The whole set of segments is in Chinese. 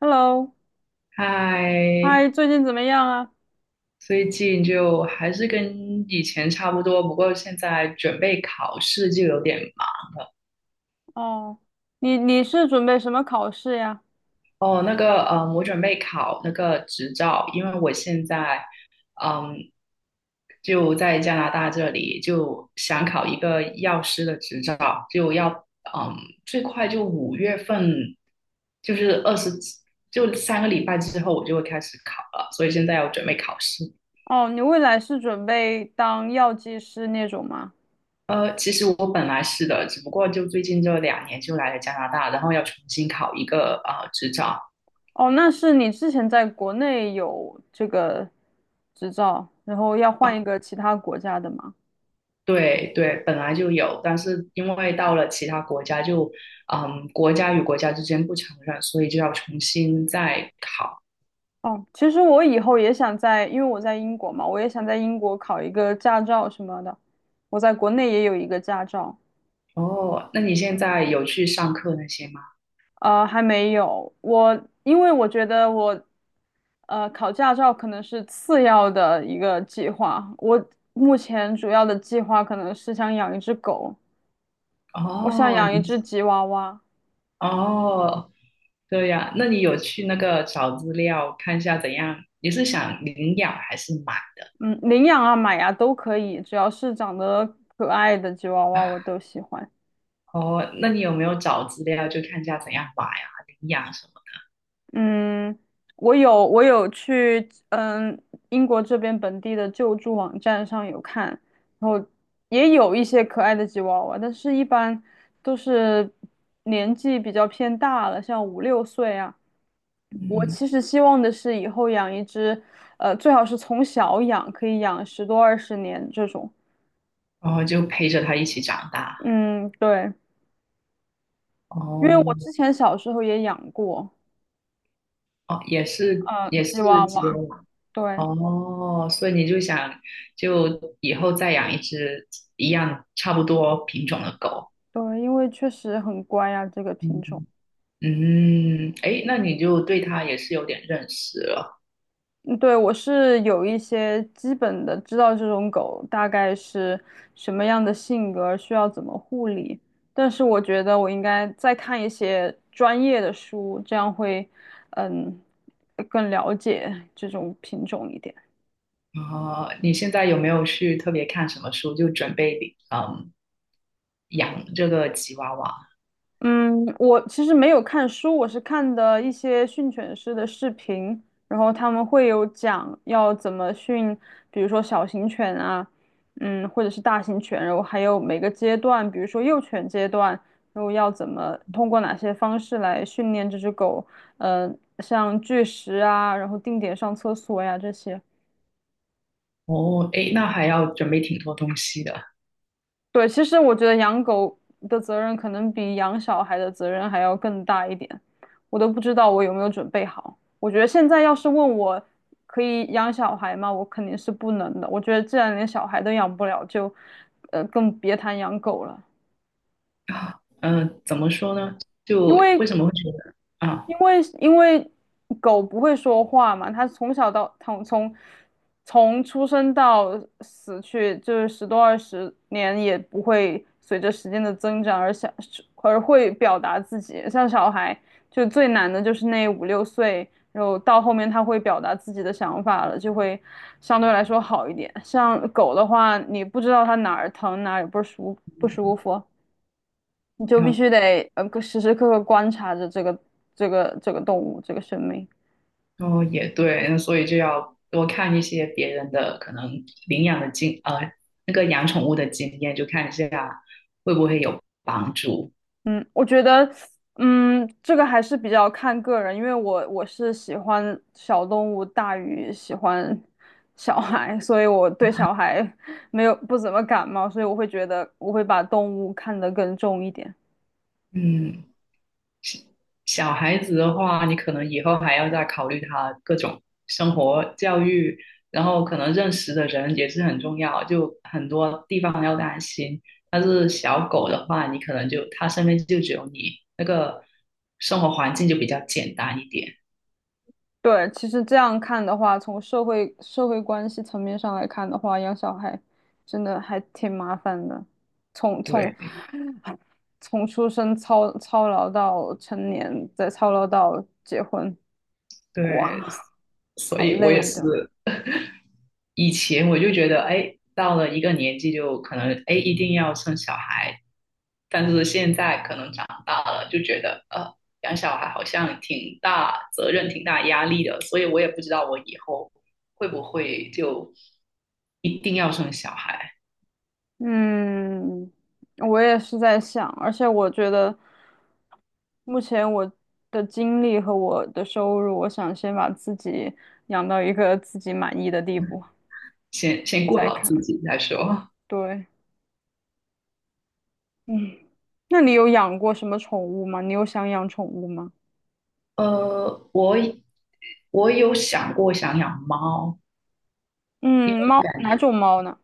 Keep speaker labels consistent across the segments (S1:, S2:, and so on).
S1: Hello，嗨，
S2: 嗨，
S1: 最近怎么样啊？
S2: 最近就还是跟以前差不多，不过现在准备考试就有点忙。
S1: 哦，你是准备什么考试呀？
S2: 哦，那个，我准备考那个执照，因为我现在，嗯，就在加拿大这里，就想考一个药师的执照，就要，嗯，最快就五月份，就是二十，就三个礼拜之后我就会开始考了，所以现在要准备考试。
S1: 哦，你未来是准备当药剂师那种吗？
S2: 其实我本来是的，只不过就最近这两年就来了加拿大，然后要重新考一个执照
S1: 哦，那是你之前在国内有这个执照，然后要换一
S2: 啊，
S1: 个其他国家的吗？
S2: 对对，本来就有，但是因为到了其他国家就，国家与国家之间不承认，所以就要重新再考。
S1: 哦，其实我以后也想在，因为我在英国嘛，我也想在英国考一个驾照什么的。我在国内也有一个驾照。
S2: 哦，那你现在有去上课那些吗？
S1: 还没有。我因为我觉得我，考驾照可能是次要的一个计划。我目前主要的计划可能是想养一只狗，我想
S2: 哦，
S1: 养一
S2: 你
S1: 只吉娃娃。
S2: 哦，对呀，那你有去那个找资料看一下怎样？你是想领养还是买？
S1: 嗯，领养啊、买啊都可以，只要是长得可爱的吉娃娃我都喜欢。
S2: 哦，那你有没有找资料就看一下怎样买啊、领养什么？
S1: 嗯，我有去，英国这边本地的救助网站上有看，然后也有一些可爱的吉娃娃，但是一般都是年纪比较偏大了，像五六岁啊。我
S2: 嗯，
S1: 其实希望的是以后养一只，最好是从小养，可以养十多二十年这种。
S2: 然后就陪着他一起长大。
S1: 嗯，对，因为我
S2: 哦
S1: 之前小时候也养过，
S2: 哦，也是
S1: 嗯，
S2: 也
S1: 吉
S2: 是
S1: 娃
S2: 吉娃
S1: 娃，
S2: 娃。
S1: 对
S2: 哦，所以你就想就以后再养一只一样差不多品种的狗。
S1: 对，因为确实很乖啊，这个品种。
S2: 嗯嗯，哎，那你就对它也是有点认识了。
S1: 嗯对，我是有一些基本的知道这种狗大概是什么样的性格，需要怎么护理。但是我觉得我应该再看一些专业的书，这样会，嗯，更了解这种品种一点。
S2: 哦，你现在有没有去特别看什么书，就准备养这个吉娃娃？
S1: 嗯，我其实没有看书，我是看的一些训犬师的视频，然后他们会有讲要怎么训，比如说小型犬啊，或者是大型犬，然后还有每个阶段，比如说幼犬阶段，然后要怎么通过哪些方式来训练这只狗，像拒食啊，然后定点上厕所呀这些。
S2: 哦，诶，那还要准备挺多东西的
S1: 对，其实我觉得养狗的责任可能比养小孩的责任还要更大一点，我都不知道我有没有准备好。我觉得现在要是问我可以养小孩吗，我肯定是不能的。我觉得既然连小孩都养不了，就更别谈养狗了。
S2: 啊。怎么说呢？
S1: 因
S2: 就为
S1: 为
S2: 什么会觉得啊？
S1: 因为狗不会说话嘛，它从小到从出生到死去，就是十多二十年，也不会随着时间的增长而会表达自己。像小孩，就最难的就是那五六岁，然后到后面他会表达自己的想法了，就会相对来说好一点。像狗的话，你不知道它哪儿疼，哪儿也不舒服。你就必
S2: 那
S1: 须得时时刻刻观察着这个动物这个生命。
S2: 哦也对，那所以就要多看一些别人的可能领养的那个养宠物的经验，就看一下会不会有帮助。
S1: 嗯，我觉得，这个还是比较看个人，因为我是喜欢小动物大于喜欢小孩，所以我对小孩 没有不怎么感冒，所以我会觉得我会把动物看得更重一点。
S2: 嗯。小孩子的话，你可能以后还要再考虑他各种生活教育，然后可能认识的人也是很重要，就很多地方要担心。但是小狗的话，你可能就它身边就只有你，那个生活环境就比较简单一点。
S1: 对，其实这样看的话，从社会关系层面上来看的话，养小孩真的还挺麻烦的。从
S2: 对
S1: 出生操劳到成年，再操劳到结婚，哇，
S2: 对，所
S1: 好
S2: 以我也
S1: 累
S2: 是
S1: 的。
S2: 以前我就觉得，哎，到了一个年纪就可能，哎，一定要生小孩，但是现在可能长大了，就觉得养小孩好像挺大责任、挺大压力的，所以我也不知道我以后会不会就一定要生小孩，
S1: 嗯，我也是在想，而且我觉得目前我的精力和我的收入，我想先把自己养到一个自己满意的地步，
S2: 先
S1: 我
S2: 顾
S1: 再
S2: 好
S1: 看。
S2: 自己再说。
S1: 对，嗯，那你有养过什么宠物吗？你有想养宠物吗？
S2: 呃，我我有想过想养猫，
S1: 嗯，猫，
S2: 感
S1: 哪
S2: 觉
S1: 种猫呢？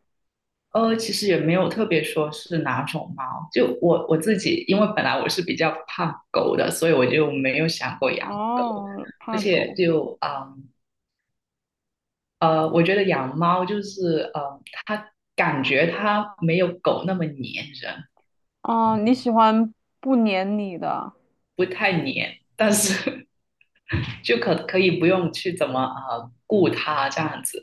S2: 其实也没有特别说是哪种猫，就我自己，因为本来我是比较怕狗的，所以我就没有想过养狗，
S1: 哦，
S2: 而
S1: 怕
S2: 且
S1: 狗。
S2: 就。我觉得养猫就是它感觉它没有狗那么粘人，
S1: 哦，你喜欢不粘你的？
S2: 不太粘，但是 就可以不用去怎么顾它这样子。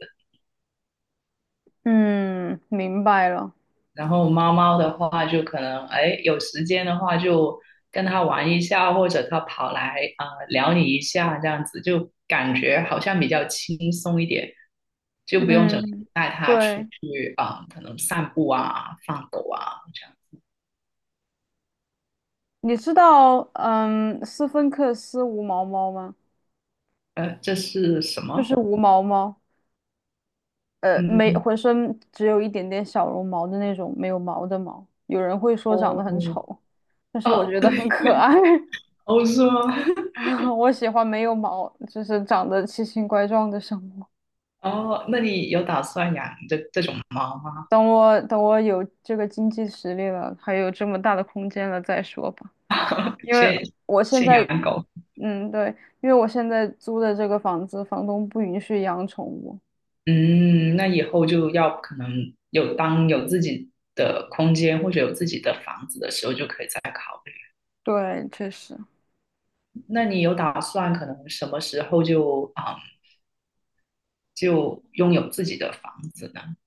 S1: 嗯，明白了。
S2: 然后猫猫的话，就可能哎有时间的话就跟它玩一下，或者它跑来啊、撩你一下这样子，就感觉好像比较轻松一点，就不用整
S1: 嗯，
S2: 天带它出
S1: 对，
S2: 去啊、可能散步啊、放狗啊这样。
S1: 你知道，斯芬克斯无毛猫吗？
S2: 这是什
S1: 就是
S2: 么？
S1: 无毛猫，没
S2: 嗯，
S1: 浑身只有一点点小绒毛的那种，没有毛的毛。有人会说长得
S2: 哦，
S1: 很丑，但是我
S2: 哦，
S1: 觉得很
S2: 对，
S1: 可爱。
S2: 哦，是吗？
S1: 啊，我喜欢没有毛，就是长得奇形怪状的生物。
S2: 哦，那你有打算养这种猫吗？
S1: 等我有这个经济实力了，还有这么大的空间了再说吧。因为
S2: 先
S1: 我现
S2: 先
S1: 在，
S2: 养狗，
S1: 嗯，对，因为我现在租的这个房子，房东不允许养宠物。
S2: 嗯，那以后就要可能有当有自己的空间或者有自己的房子的时候，就可以再考虑。
S1: 对，确实，
S2: 那你有打算可能什么时候就拥有自己的房子呢？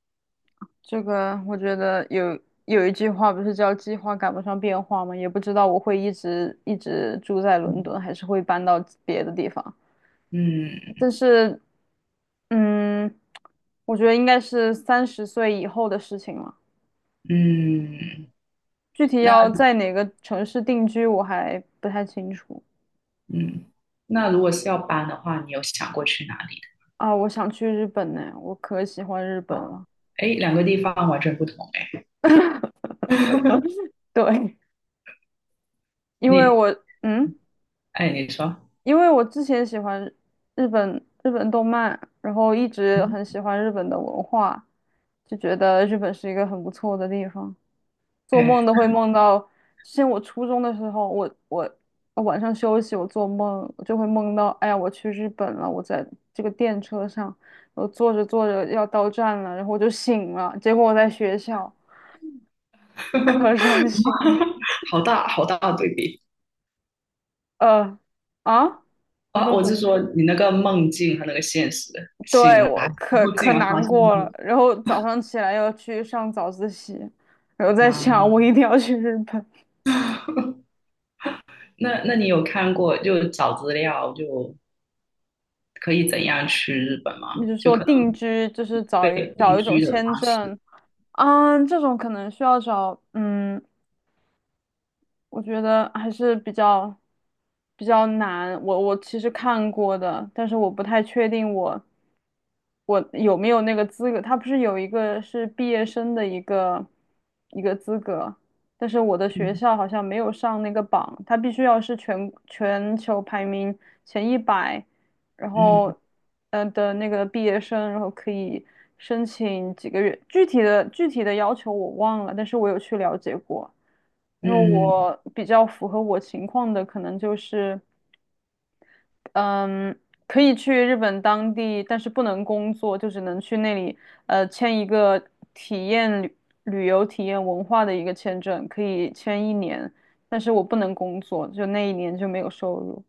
S1: 这个我觉得有一句话不是叫“计划赶不上变化”吗？也不知道我会一直一直住在伦敦，
S2: 嗯
S1: 还是会搬到别的地方。
S2: 嗯
S1: 但是，嗯，我觉得应该是三十岁以后的事情了。
S2: 嗯，
S1: 具体
S2: 那
S1: 要在哪个城市定居，我还不太清楚
S2: 嗯，那如果是要搬的话，你有想过去哪里？
S1: 啊。我想去日本呢，我可喜欢日本
S2: 哦，
S1: 了。
S2: 哎，两个地方完全不同哎。
S1: 对，因为
S2: 你，
S1: 我嗯，
S2: 哎，你说，
S1: 因为我之前喜欢日本日本动漫，然后一直
S2: 嗯，
S1: 很喜欢日本的文化，就觉得日本是一个很不错的地方。做梦
S2: 哎，
S1: 都会梦到，之前我初中的时候，我晚上休息，我做梦我就会梦到，哎呀，我去日本了，我在这个电车上，我坐着坐着要到站了，然后我就醒了，结果我在学校，可 伤心了。
S2: 好大好大的对比
S1: 呃，啊，你
S2: 啊！
S1: 说
S2: 我
S1: 什
S2: 是
S1: 么？
S2: 说你那个梦境和那个现实，醒
S1: 对，
S2: 来
S1: 我
S2: 然
S1: 可
S2: 后竟
S1: 可
S2: 然发
S1: 难
S2: 现是
S1: 过了。然后早上起来要去上早自习，然后在想
S2: 啊，
S1: 我一定要去日本。
S2: 那你有看过就找资料就可以怎样去日本
S1: 你
S2: 吗？
S1: 是
S2: 就
S1: 说
S2: 可能
S1: 定居，就是找
S2: 对
S1: 一
S2: 定
S1: 找一种
S2: 居的
S1: 签
S2: 方式，
S1: 证啊？这种可能需要找，我觉得还是比较难。我其实看过的，但是我不太确定我有没有那个资格。他不是有一个是毕业生的一个资格，但是我的学
S2: 嗯
S1: 校好像没有上那个榜，他必须要是全球排名前100。然后
S2: 嗯
S1: 的那个毕业生，然后可以申请几个月，具体的要求我忘了，但是我有去了解过。然后
S2: 嗯。
S1: 我比较符合我情况的，可能就是嗯，可以去日本当地，但是不能工作，就只能去那里签一个体验旅游、体验文化的一个签证，可以签一年，但是我不能工作，就那1年就没有收入。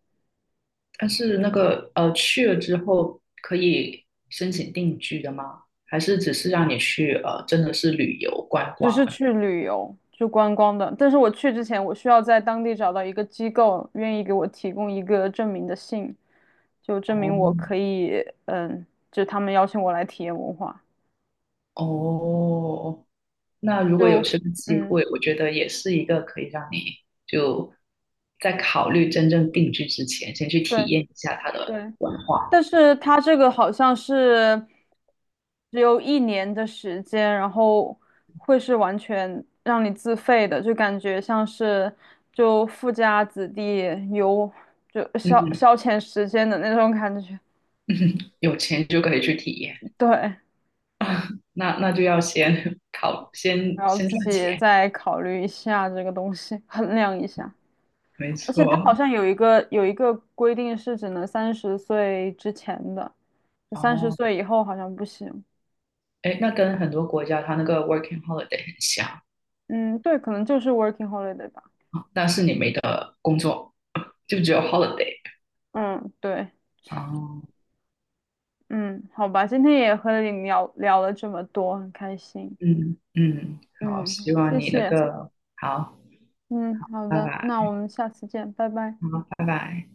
S2: 但是那个去了之后可以申请定居的吗？还是只是让你去真的是旅游观
S1: 只
S2: 光
S1: 是
S2: 而已。
S1: 去旅游，去观光的。但是我去之前，我需要在当地找到一个机构，愿意给我提供一个证明的信，就证
S2: 哦
S1: 明我可以，就他们邀请我来体验文化。
S2: 哦，那如果有
S1: 就，
S2: 这个机
S1: 嗯，
S2: 会，我觉得也是一个可以让你就在考虑真正定居之前，先去体
S1: 对
S2: 验一下它的
S1: 对。
S2: 文化。
S1: 但是他这个好像是只有一年的时间，然后会是完全让你自费的，就感觉像是就富家子弟游就消
S2: 嗯，
S1: 消遣时间的那种感觉。
S2: 有钱就可以去体验。
S1: 对，
S2: 那就要先
S1: 然后
S2: 先
S1: 自
S2: 赚
S1: 己
S2: 钱，
S1: 再考虑一下这个东西，衡量一下。
S2: 没
S1: 而且它
S2: 错。
S1: 好像有一个规定是只能三十岁之前的，三十
S2: 哦。
S1: 岁以后好像不行。
S2: 哎，那跟很多国家它那个 working holiday 很像，啊，
S1: 嗯，对，可能就是 working holiday 吧。
S2: 但是你没得工作，就只有 holiday。
S1: 嗯，对，
S2: 哦，
S1: 嗯，好吧，今天也和你聊聊了这么多，很开心。
S2: 嗯嗯，好，
S1: 嗯，
S2: 希望
S1: 谢
S2: 你那
S1: 谢。
S2: 个好，
S1: 嗯，好
S2: 拜
S1: 的，那我
S2: 拜，
S1: 们下次见，拜拜。
S2: 好，拜拜。